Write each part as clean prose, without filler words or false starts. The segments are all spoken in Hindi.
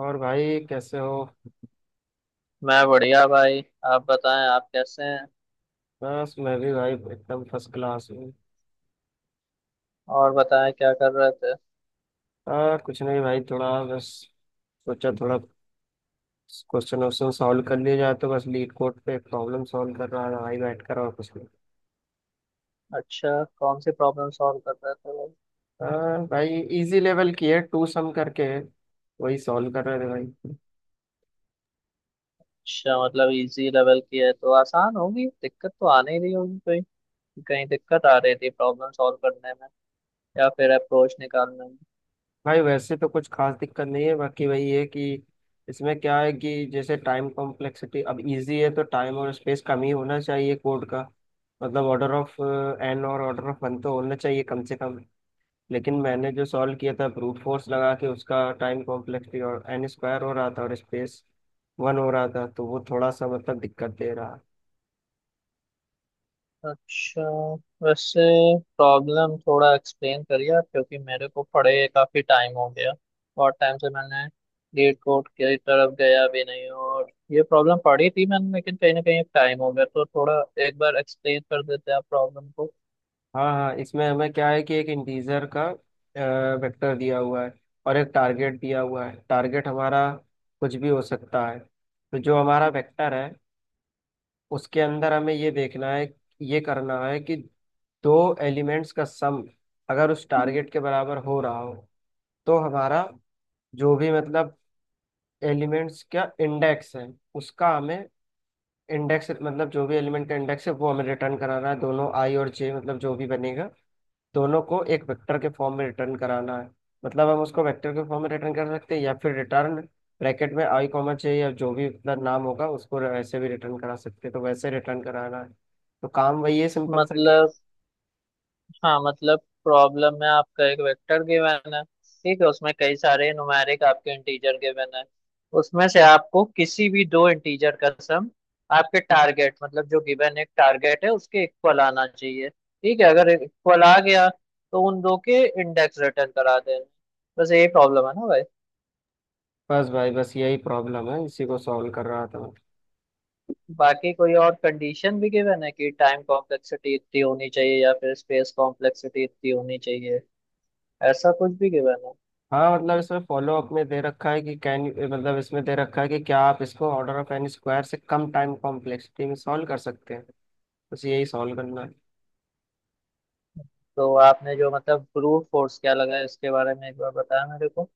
और भाई कैसे हो? मैं बढ़िया भाई। आप बताएं आप कैसे हैं। बस मैं भी भाई एकदम फर्स्ट क्लास हूँ। और बताएं क्या कर रहे थे। कुछ नहीं भाई, थोड़ा बस सोचा थोड़ा क्वेश्चन वोश्चन सॉल्व कर लिए जाए, तो बस लीड कोड पे प्रॉब्लम सॉल्व कर रहा था भाई बैठ कर, और कुछ नहीं। अच्छा, कौन सी प्रॉब्लम सॉल्व कर रहे थे भाई। आ, भाई इजी लेवल की है, टू सम करके है, वही सॉल्व कर रहे थे भाई। अच्छा, मतलब इजी लेवल की है तो आसान होगी, दिक्कत तो आने ही रही होगी कोई। कहीं दिक्कत आ रही थी प्रॉब्लम सॉल्व करने में या फिर अप्रोच निकालने में। भाई वैसे तो कुछ खास दिक्कत नहीं है, बाकी वही है कि इसमें क्या है कि जैसे टाइम कॉम्प्लेक्सिटी, अब इजी है तो टाइम और स्पेस कम ही होना चाहिए कोड का। मतलब ऑर्डर ऑफ एन और ऑर्डर ऑफ वन तो होना चाहिए कम से कम। लेकिन मैंने जो सॉल्व किया था ब्रूट फोर्स लगा के, उसका टाइम कॉम्प्लेक्सिटी और एन स्क्वायर हो रहा था और स्पेस वन हो रहा था, तो वो थोड़ा सा मतलब दिक्कत दे रहा। अच्छा, वैसे प्रॉब्लम थोड़ा एक्सप्लेन करिए आप, क्योंकि मेरे को पढ़े काफ़ी टाइम हो गया। बहुत टाइम से मैंने लीड कोड की तरफ गया भी नहीं और ये प्रॉब्लम पढ़ी थी मैंने, लेकिन कहीं ना कहीं टाइम हो गया तो थोड़ा एक बार एक्सप्लेन कर देते आप प्रॉब्लम को। हाँ हाँ, इसमें हमें क्या है कि एक इंटीजर का वेक्टर दिया हुआ है, और एक टारगेट दिया हुआ है। टारगेट हमारा कुछ भी हो सकता है। तो जो हमारा वेक्टर है उसके अंदर हमें ये देखना है, ये करना है कि दो एलिमेंट्स का सम अगर उस टारगेट के बराबर हो रहा हो, तो हमारा जो भी मतलब एलिमेंट्स का इंडेक्स है उसका हमें इंडेक्स, मतलब जो भी एलिमेंट का इंडेक्स है वो हमें रिटर्न कराना है, दोनों आई और जे, मतलब जो भी बनेगा दोनों को एक वेक्टर के फॉर्म में रिटर्न कराना है। मतलब हम उसको वेक्टर के फॉर्म में रिटर्न कर सकते हैं, या फिर रिटर्न ब्रैकेट में आई कॉमा चाहिए या जो भी अपना नाम होगा, उसको वैसे भी रिटर्न करा सकते हैं, तो वैसे रिटर्न कराना है। तो काम वही है सिंपल सा कि मतलब, हाँ मतलब प्रॉब्लम में आपका एक वेक्टर गिवन है, ठीक है, उसमें कई सारे न्यूमेरिक आपके इंटीजर गिवन है। उसमें से आपको किसी भी दो इंटीजर का सम आपके टारगेट, मतलब जो गिवन एक टारगेट है, उसके इक्वल आना चाहिए। ठीक है, अगर इक्वल आ गया तो उन दो के इंडेक्स रिटर्न करा देना। बस यही प्रॉब्लम है ना भाई। बस भाई, बस यही प्रॉब्लम है, इसी को सॉल्व कर रहा था मैं। बाकी कोई और कंडीशन भी गिवन है कि टाइम कॉम्प्लेक्सिटी इतनी होनी चाहिए या फिर स्पेस कॉम्प्लेक्सिटी इतनी होनी चाहिए, ऐसा कुछ भी गिवन है। हाँ मतलब इसमें फॉलो अप में दे रखा है कि कैन, मतलब इसमें दे रखा है कि क्या आप इसको ऑर्डर ऑफ एन स्क्वायर से कम टाइम कॉम्प्लेक्सिटी में सॉल्व कर सकते हैं? बस यही सॉल्व करना है। तो आपने जो मतलब ब्रूट फोर्स क्या लगा है इसके बारे में एक बार बताया मेरे को।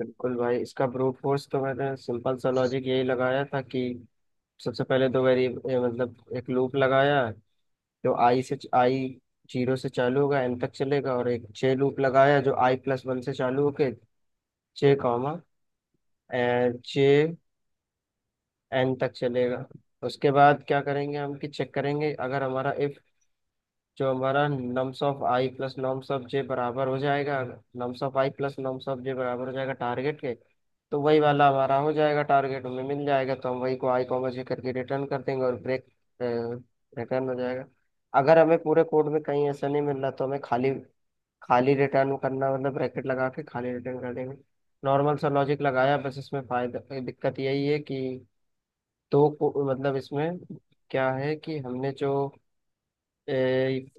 बिल्कुल भाई, इसका ब्रूट फोर्स तो मैंने सिंपल सा लॉजिक यही लगाया था कि सबसे पहले तो वेरी मतलब एक लूप लगाया जो आई से आई जीरो से चालू होगा एन तक चलेगा, और एक जे लूप लगाया जो आई प्लस वन से चालू होके जे कॉमा जे एन तक चलेगा। उसके बाद क्या करेंगे हम कि चेक करेंगे अगर हमारा इफ जो हमारा nums of i plus nums of j बराबर हो जाएगा, nums of i plus nums of j बराबर हो जाएगा टारगेट के, तो वही वाला हमारा हो जाएगा टारगेट, हमें मिल जाएगा तो हम वही को आई कॉमर्स के करके रिटर्न कर देंगे, और ब्रेक रिटर्न हो जाएगा। अगर हमें पूरे कोड में कहीं ऐसा नहीं मिल रहा, तो हमें खाली खाली रिटर्न करना मतलब ब्रैकेट लगा के खाली रिटर्न कर देंगे। नॉर्मल सा लॉजिक लगाया, बस इसमें फायदा दिक्कत यही है कि मतलब इसमें क्या है कि हमने जो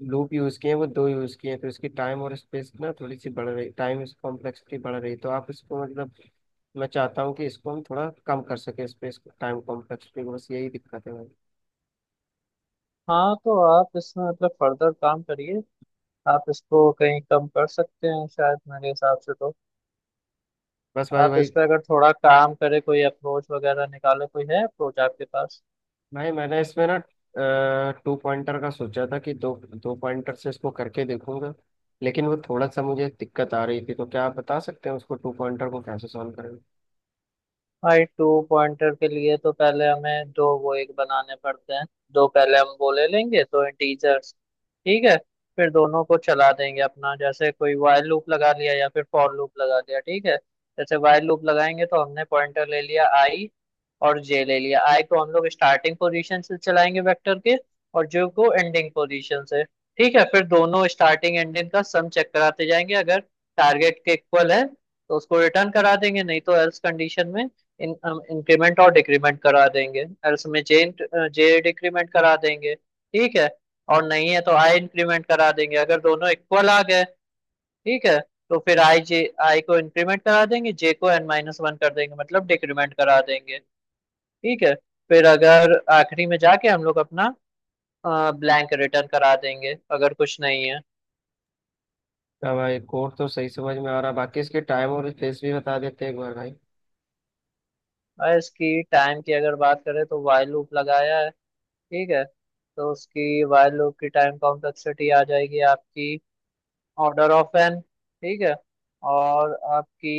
लूप यूज किए हैं वो दो यूज किए हैं, तो इसकी टाइम और स्पेस ना थोड़ी सी बढ़ रही, टाइम कॉम्प्लेक्सिटी बढ़ रही, तो आप इसको मतलब मैं चाहता हूँ कि इसको हम थोड़ा कम कर सके, इस पे इसको टाइम कम कर सके, बस यही दिक्कत है भाई। हाँ तो आप इसमें मतलब फर्दर काम करिए। आप इसको कहीं कम कर सकते हैं शायद मेरे हिसाब से तो। बस भाई आप भाई इस पर अगर थोड़ा काम करें, कोई अप्रोच वगैरह निकाले, कोई है अप्रोच आपके पास। भाई, मैंने इसमें ना टू पॉइंटर का सोचा था कि दो दो पॉइंटर से इसको करके देखूंगा, लेकिन वो थोड़ा सा मुझे दिक्कत आ रही थी। तो क्या आप बता सकते हैं उसको टू पॉइंटर को कैसे सॉल्व करेंगे? भाई टू पॉइंटर के लिए तो पहले हमें दो वो एक बनाने पड़ते हैं। दो पहले हम वो ले लेंगे दो इंटीजर्स। ठीक है, फिर दोनों को चला देंगे अपना, जैसे कोई while लूप लगा लिया या फिर फॉर लूप लगा लिया। ठीक है, जैसे while लूप लगाएंगे तो हमने पॉइंटर ले लिया आई और जे ले लिया। आई को हम लोग स्टार्टिंग पोजीशन से चलाएंगे वेक्टर के और जे को एंडिंग पोजीशन से। ठीक है, फिर दोनों स्टार्टिंग एंडिंग का सम चेक कराते जाएंगे, अगर टारगेट के इक्वल है तो उसको रिटर्न करा देंगे, नहीं तो एल्स कंडीशन में इन इंक्रीमेंट और डिक्रीमेंट करा देंगे, और उसमें जे जे डिक्रीमेंट करा देंगे। ठीक है, और नहीं है तो आई इंक्रीमेंट करा देंगे। अगर दोनों इक्वल आ गए, ठीक है, तो फिर आई को इंक्रीमेंट करा देंगे, जे को एन माइनस वन कर देंगे मतलब डिक्रीमेंट करा देंगे। ठीक है, फिर अगर आखिरी में जाके हम लोग अपना ब्लैंक रिटर्न करा देंगे अगर कुछ नहीं है। क्या भाई, कोड तो सही समझ में आ रहा, बाकी इसके टाइम और स्पेस भी बता देते एक बार भाई। और इसकी टाइम की अगर बात करें तो वाइल लूप लगाया है, ठीक है, तो उसकी वाइल लूप की टाइम कॉम्प्लेक्सिटी आ जाएगी आपकी ऑर्डर ऑफ एन। ठीक है, और आपकी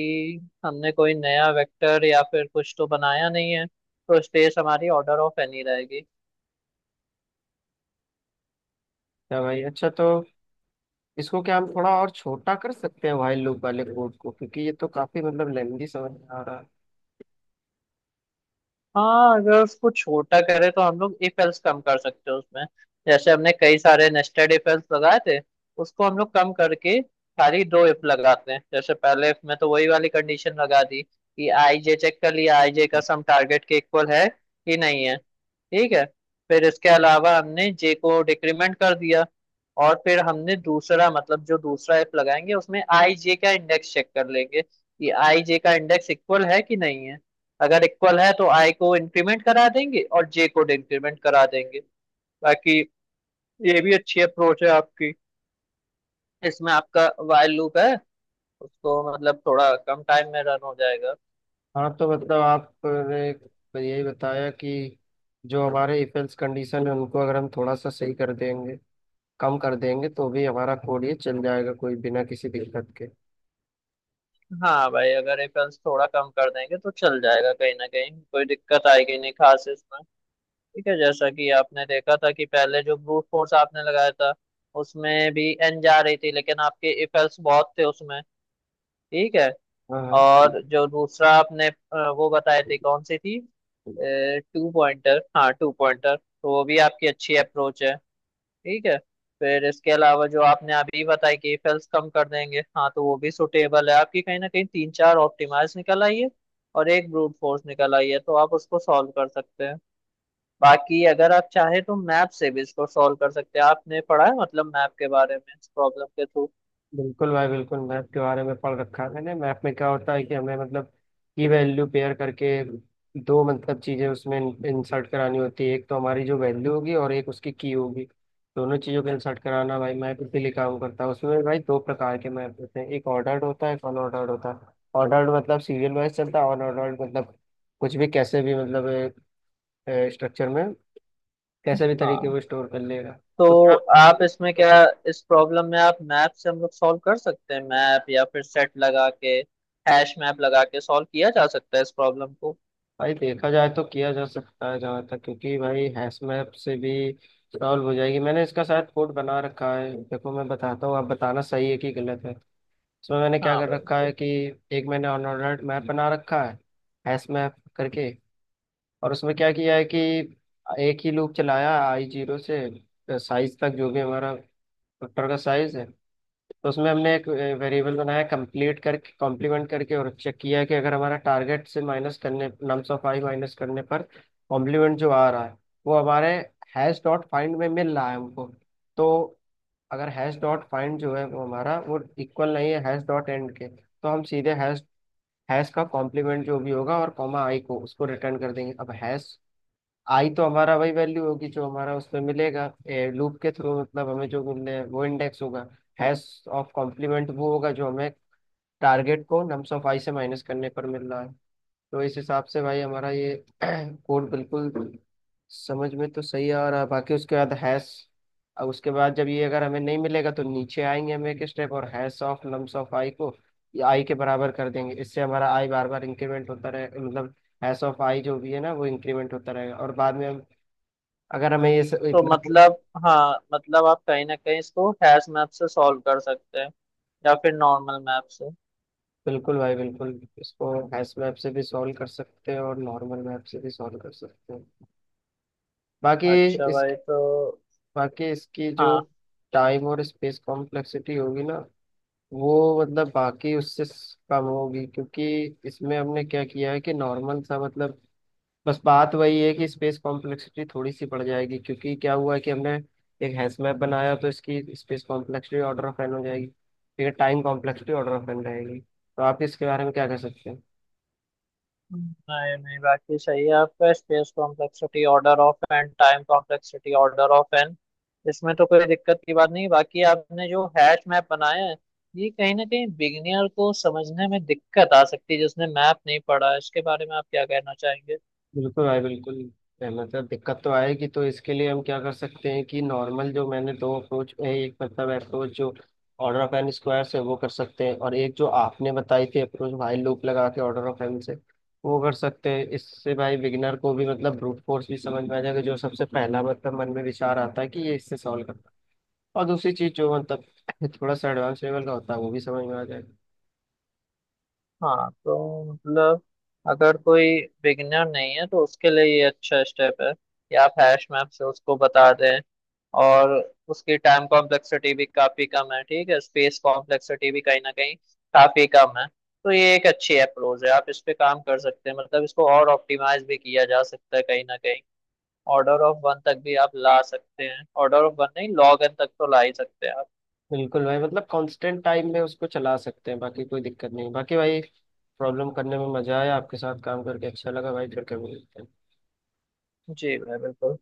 हमने कोई नया वेक्टर या फिर कुछ तो बनाया नहीं है, तो स्पेस हमारी ऑर्डर ऑफ एन ही रहेगी। क्या भाई अच्छा, तो इसको क्या हम थोड़ा और छोटा कर सकते हैं, वाइल लूप वाले कोड को? क्योंकि ये तो काफी मतलब लेंदी समझ में आ रहा है। हाँ, अगर उसको छोटा करें तो हम लोग इफ एल्स कम कर सकते हैं उसमें। जैसे हमने कई सारे नेस्टेड इफ एल्स लगाए थे, उसको हम लोग कम करके खाली दो इफ लगाते हैं। जैसे पहले इफ में तो वही वाली कंडीशन लगा दी कि आई जे चेक कर लिया, आई जे का सम टारगेट के इक्वल है कि नहीं है। ठीक है, फिर इसके अलावा हमने जे को डिक्रीमेंट कर दिया। और फिर हमने दूसरा, मतलब जो दूसरा एफ लगाएंगे उसमें आई जे का इंडेक्स चेक कर लेंगे कि आई जे का इंडेक्स इक्वल है कि नहीं है। अगर इक्वल है तो आई को इंक्रीमेंट करा देंगे और जे को डिक्रीमेंट करा देंगे। बाकी ये भी अच्छी अप्रोच है आपकी। इसमें आपका वाइल लूप है, उसको मतलब थोड़ा कम टाइम में रन हो जाएगा। हाँ तो मतलब आपने तो यही बताया कि जो हमारे इफेल्स कंडीशन है, उनको अगर हम थोड़ा सा सही कर देंगे, कम कर देंगे, तो भी हमारा कोड ये चल जाएगा, कोई बिना किसी दिक्कत के। हाँ भाई अगर रेफरेंस थोड़ा कम कर देंगे तो चल जाएगा, कहीं ना कहीं कोई दिक्कत आएगी नहीं खास इसमें। ठीक है, जैसा कि आपने देखा था कि पहले जो ब्रूट फोर्स आपने लगाया था उसमें भी एन जा रही थी, लेकिन आपके इफेल्ट्स बहुत थे उसमें। ठीक है, हाँ। और जो दूसरा आपने वो बताए थे कौन सी थी। हाँ टू पॉइंटर, हाँ टू पॉइंटर तो वो भी आपकी अच्छी अप्रोच है। ठीक है, फिर इसके अलावा जो आपने अभी बताया कि इफेल्ट्स कम कर देंगे, हाँ तो वो भी सुटेबल है आपकी। कहीं ना कहीं तीन चार ऑप्टिमाइज निकल आई है और एक ब्रूट फोर्स निकल आई है तो आप उसको सॉल्व कर सकते हैं। बाकी अगर आप चाहे तो मैप से भी इसको सॉल्व कर सकते हैं। आपने पढ़ा है मतलब मैप के बारे में इस प्रॉब्लम के थ्रू। बिल्कुल भाई बिल्कुल, मैप के बारे में पढ़ रखा है मैंने। मैप में क्या होता है कि हमें मतलब की वैल्यू पेयर करके दो मतलब चीज़ें उसमें इंसर्ट करानी होती है, एक तो हमारी जो वैल्यू होगी और एक उसकी की होगी। दोनों चीज़ों को इंसर्ट कराना भाई, मैप इसीलिए काम करता है उसमें। भाई दो प्रकार के मैप होते हैं, एक ऑर्डर्ड होता है एक अनऑर्डर्ड होता है। ऑर्डर्ड मतलब सीरियल वाइज चलता है, अनऑर्डर्ड मतलब कुछ भी कैसे भी, मतलब स्ट्रक्चर में कैसे भी तरीके हाँ वो स्टोर कर लेगा। तो तो क्या आप इससे आप भी इसमें कर क्या, सकते? इस प्रॉब्लम में आप मैप से हम लोग सॉल्व कर सकते हैं, मैप या फिर सेट लगा के, हैश मैप लगा के सॉल्व किया जा सकता है इस प्रॉब्लम को। भाई देखा जाए तो किया जा सकता है जहाँ तक, क्योंकि भाई हैश मैप से भी सॉल्व हो जाएगी। मैंने इसका शायद कोड बना रखा है, देखो मैं बताता हूँ, आप बताना सही है कि गलत है। इसमें मैंने क्या हाँ कर रखा है बिल्कुल। कि एक मैंने अनऑर्डर्ड मैप बना रखा है हैश मैप करके, और उसमें क्या किया है कि एक ही लूप चलाया आई जीरो से साइज तक, जो भी हमारा वेक्टर का साइज है, तो उसमें हमने एक वेरिएबल बनाया कंप्लीट करके कॉम्प्लीमेंट करके, और चेक किया कि अगर हमारा टारगेट से माइनस करने नम्स ऑफ i माइनस करने पर कॉम्प्लीमेंट जो आ रहा है वो हमारे हैश डॉट फाइंड में मिल रहा है हमको, तो अगर हैश डॉट फाइंड जो है वो हमारा वो इक्वल नहीं है हैश डॉट एंड के, तो हम सीधे हैश हैश का कॉम्प्लीमेंट जो भी होगा और कॉमा i को उसको रिटर्न कर देंगे। अब हैश आई तो हमारा वही वैल्यू होगी जो हमारा उसमें मिलेगा लूप के थ्रू, मतलब हमें जो मिलने हैं, वो इंडेक्स होगा। हैश ऑफ कॉम्प्लीमेंट वो होगा जो हमें टारगेट को नम्स ऑफ आई से माइनस करने पर मिल रहा है। तो इस हिसाब से भाई हमारा ये कोड बिल्कुल समझ में तो सही आ रहा है। बाकी उसके बाद हैश, अब उसके बाद जब ये अगर हमें नहीं मिलेगा तो नीचे आएंगे हम एक स्टेप, और hash of nums of i को आई के बराबर कर देंगे, इससे हमारा आई बार बार इंक्रीमेंट होता रहे, मतलब हैश ऑफ आई जो भी है ना, वो इंक्रीमेंट होता रहेगा, और बाद में हम अगर हमें ये सब तो इतना। मतलब, हाँ मतलब आप कहीं ना कहीं इसको हैश मैप से सॉल्व कर सकते हैं या फिर नॉर्मल मैप से। बिल्कुल भाई बिल्कुल, इसको हैश मैप से भी सॉल्व कर सकते हैं और नॉर्मल मैप से भी सॉल्व कर सकते हैं। बाकी अच्छा इस भाई। तो बाकी इसकी जो हाँ, टाइम और स्पेस कॉम्प्लेक्सिटी होगी ना, वो मतलब बाकी उससे कम होगी, क्योंकि इसमें हमने क्या किया है कि नॉर्मल सा मतलब बस बात वही है कि स्पेस कॉम्प्लेक्सिटी थोड़ी सी बढ़ जाएगी, क्योंकि क्या हुआ है कि हमने एक हैश मैप बनाया, तो इसकी space complexity order of n हो जाएगी। ठीक है, time complexity order of n रहेगी, तो आप इसके बारे में क्या कह सकते हैं? नहीं नहीं, बाकी सही है आपका, space complexity order of n, time complexity order of n, इसमें तो कोई दिक्कत की बात नहीं। बाकी आपने जो हैश मैप बनाया है, ये कहीं ना कहीं बिगिनियर को समझने में दिक्कत आ सकती है जिसने मैप नहीं पढ़ा है, इसके बारे में आप क्या कहना चाहेंगे। बिल्कुल भाई बिल्कुल, सहमत है, दिक्कत तो आएगी। तो इसके लिए हम क्या कर सकते हैं कि नॉर्मल जो मैंने दो अप्रोच, एक मतलब अप्रोच जो ऑर्डर ऑफ एन स्क्वायर से, वो कर सकते हैं, और एक जो आपने बताई थी अप्रोच भाई लूप लगा के ऑर्डर ऑफ एन से, वो कर सकते हैं। इससे भाई बिगिनर को भी मतलब ब्रूट फोर्स भी समझ में आ जाएगा, जो सबसे पहला मतलब मन में विचार आता है कि ये इससे सॉल्व करना, और दूसरी चीज जो मतलब थोड़ा सा एडवांस लेवल का होता है वो भी समझ में आ जाएगा। हाँ तो मतलब, अगर कोई बिगिनर नहीं है तो उसके लिए ये अच्छा स्टेप है कि आप हैश मैप से उसको बता दें। और उसकी टाइम कॉम्प्लेक्सिटी भी काफी कम है, ठीक है, स्पेस कॉम्प्लेक्सिटी भी कहीं ना कहीं काफी कम है। तो ये एक अच्छी अप्रोच है, आप इस पे काम कर सकते हैं। मतलब इसको और ऑप्टिमाइज भी किया जा सकता है, कहीं ना कहीं ऑर्डर ऑफ वन तक भी आप ला सकते हैं, ऑर्डर ऑफ वन नहीं लॉग एन तक तो ला ही सकते हैं आप। बिल्कुल भाई, मतलब कांस्टेंट टाइम में उसको चला सकते हैं, बाकी कोई दिक्कत नहीं। बाकी भाई प्रॉब्लम करने में मजा आया, आपके साथ काम करके अच्छा लगा भाई, फिर कभी। जी भाई बिल्कुल।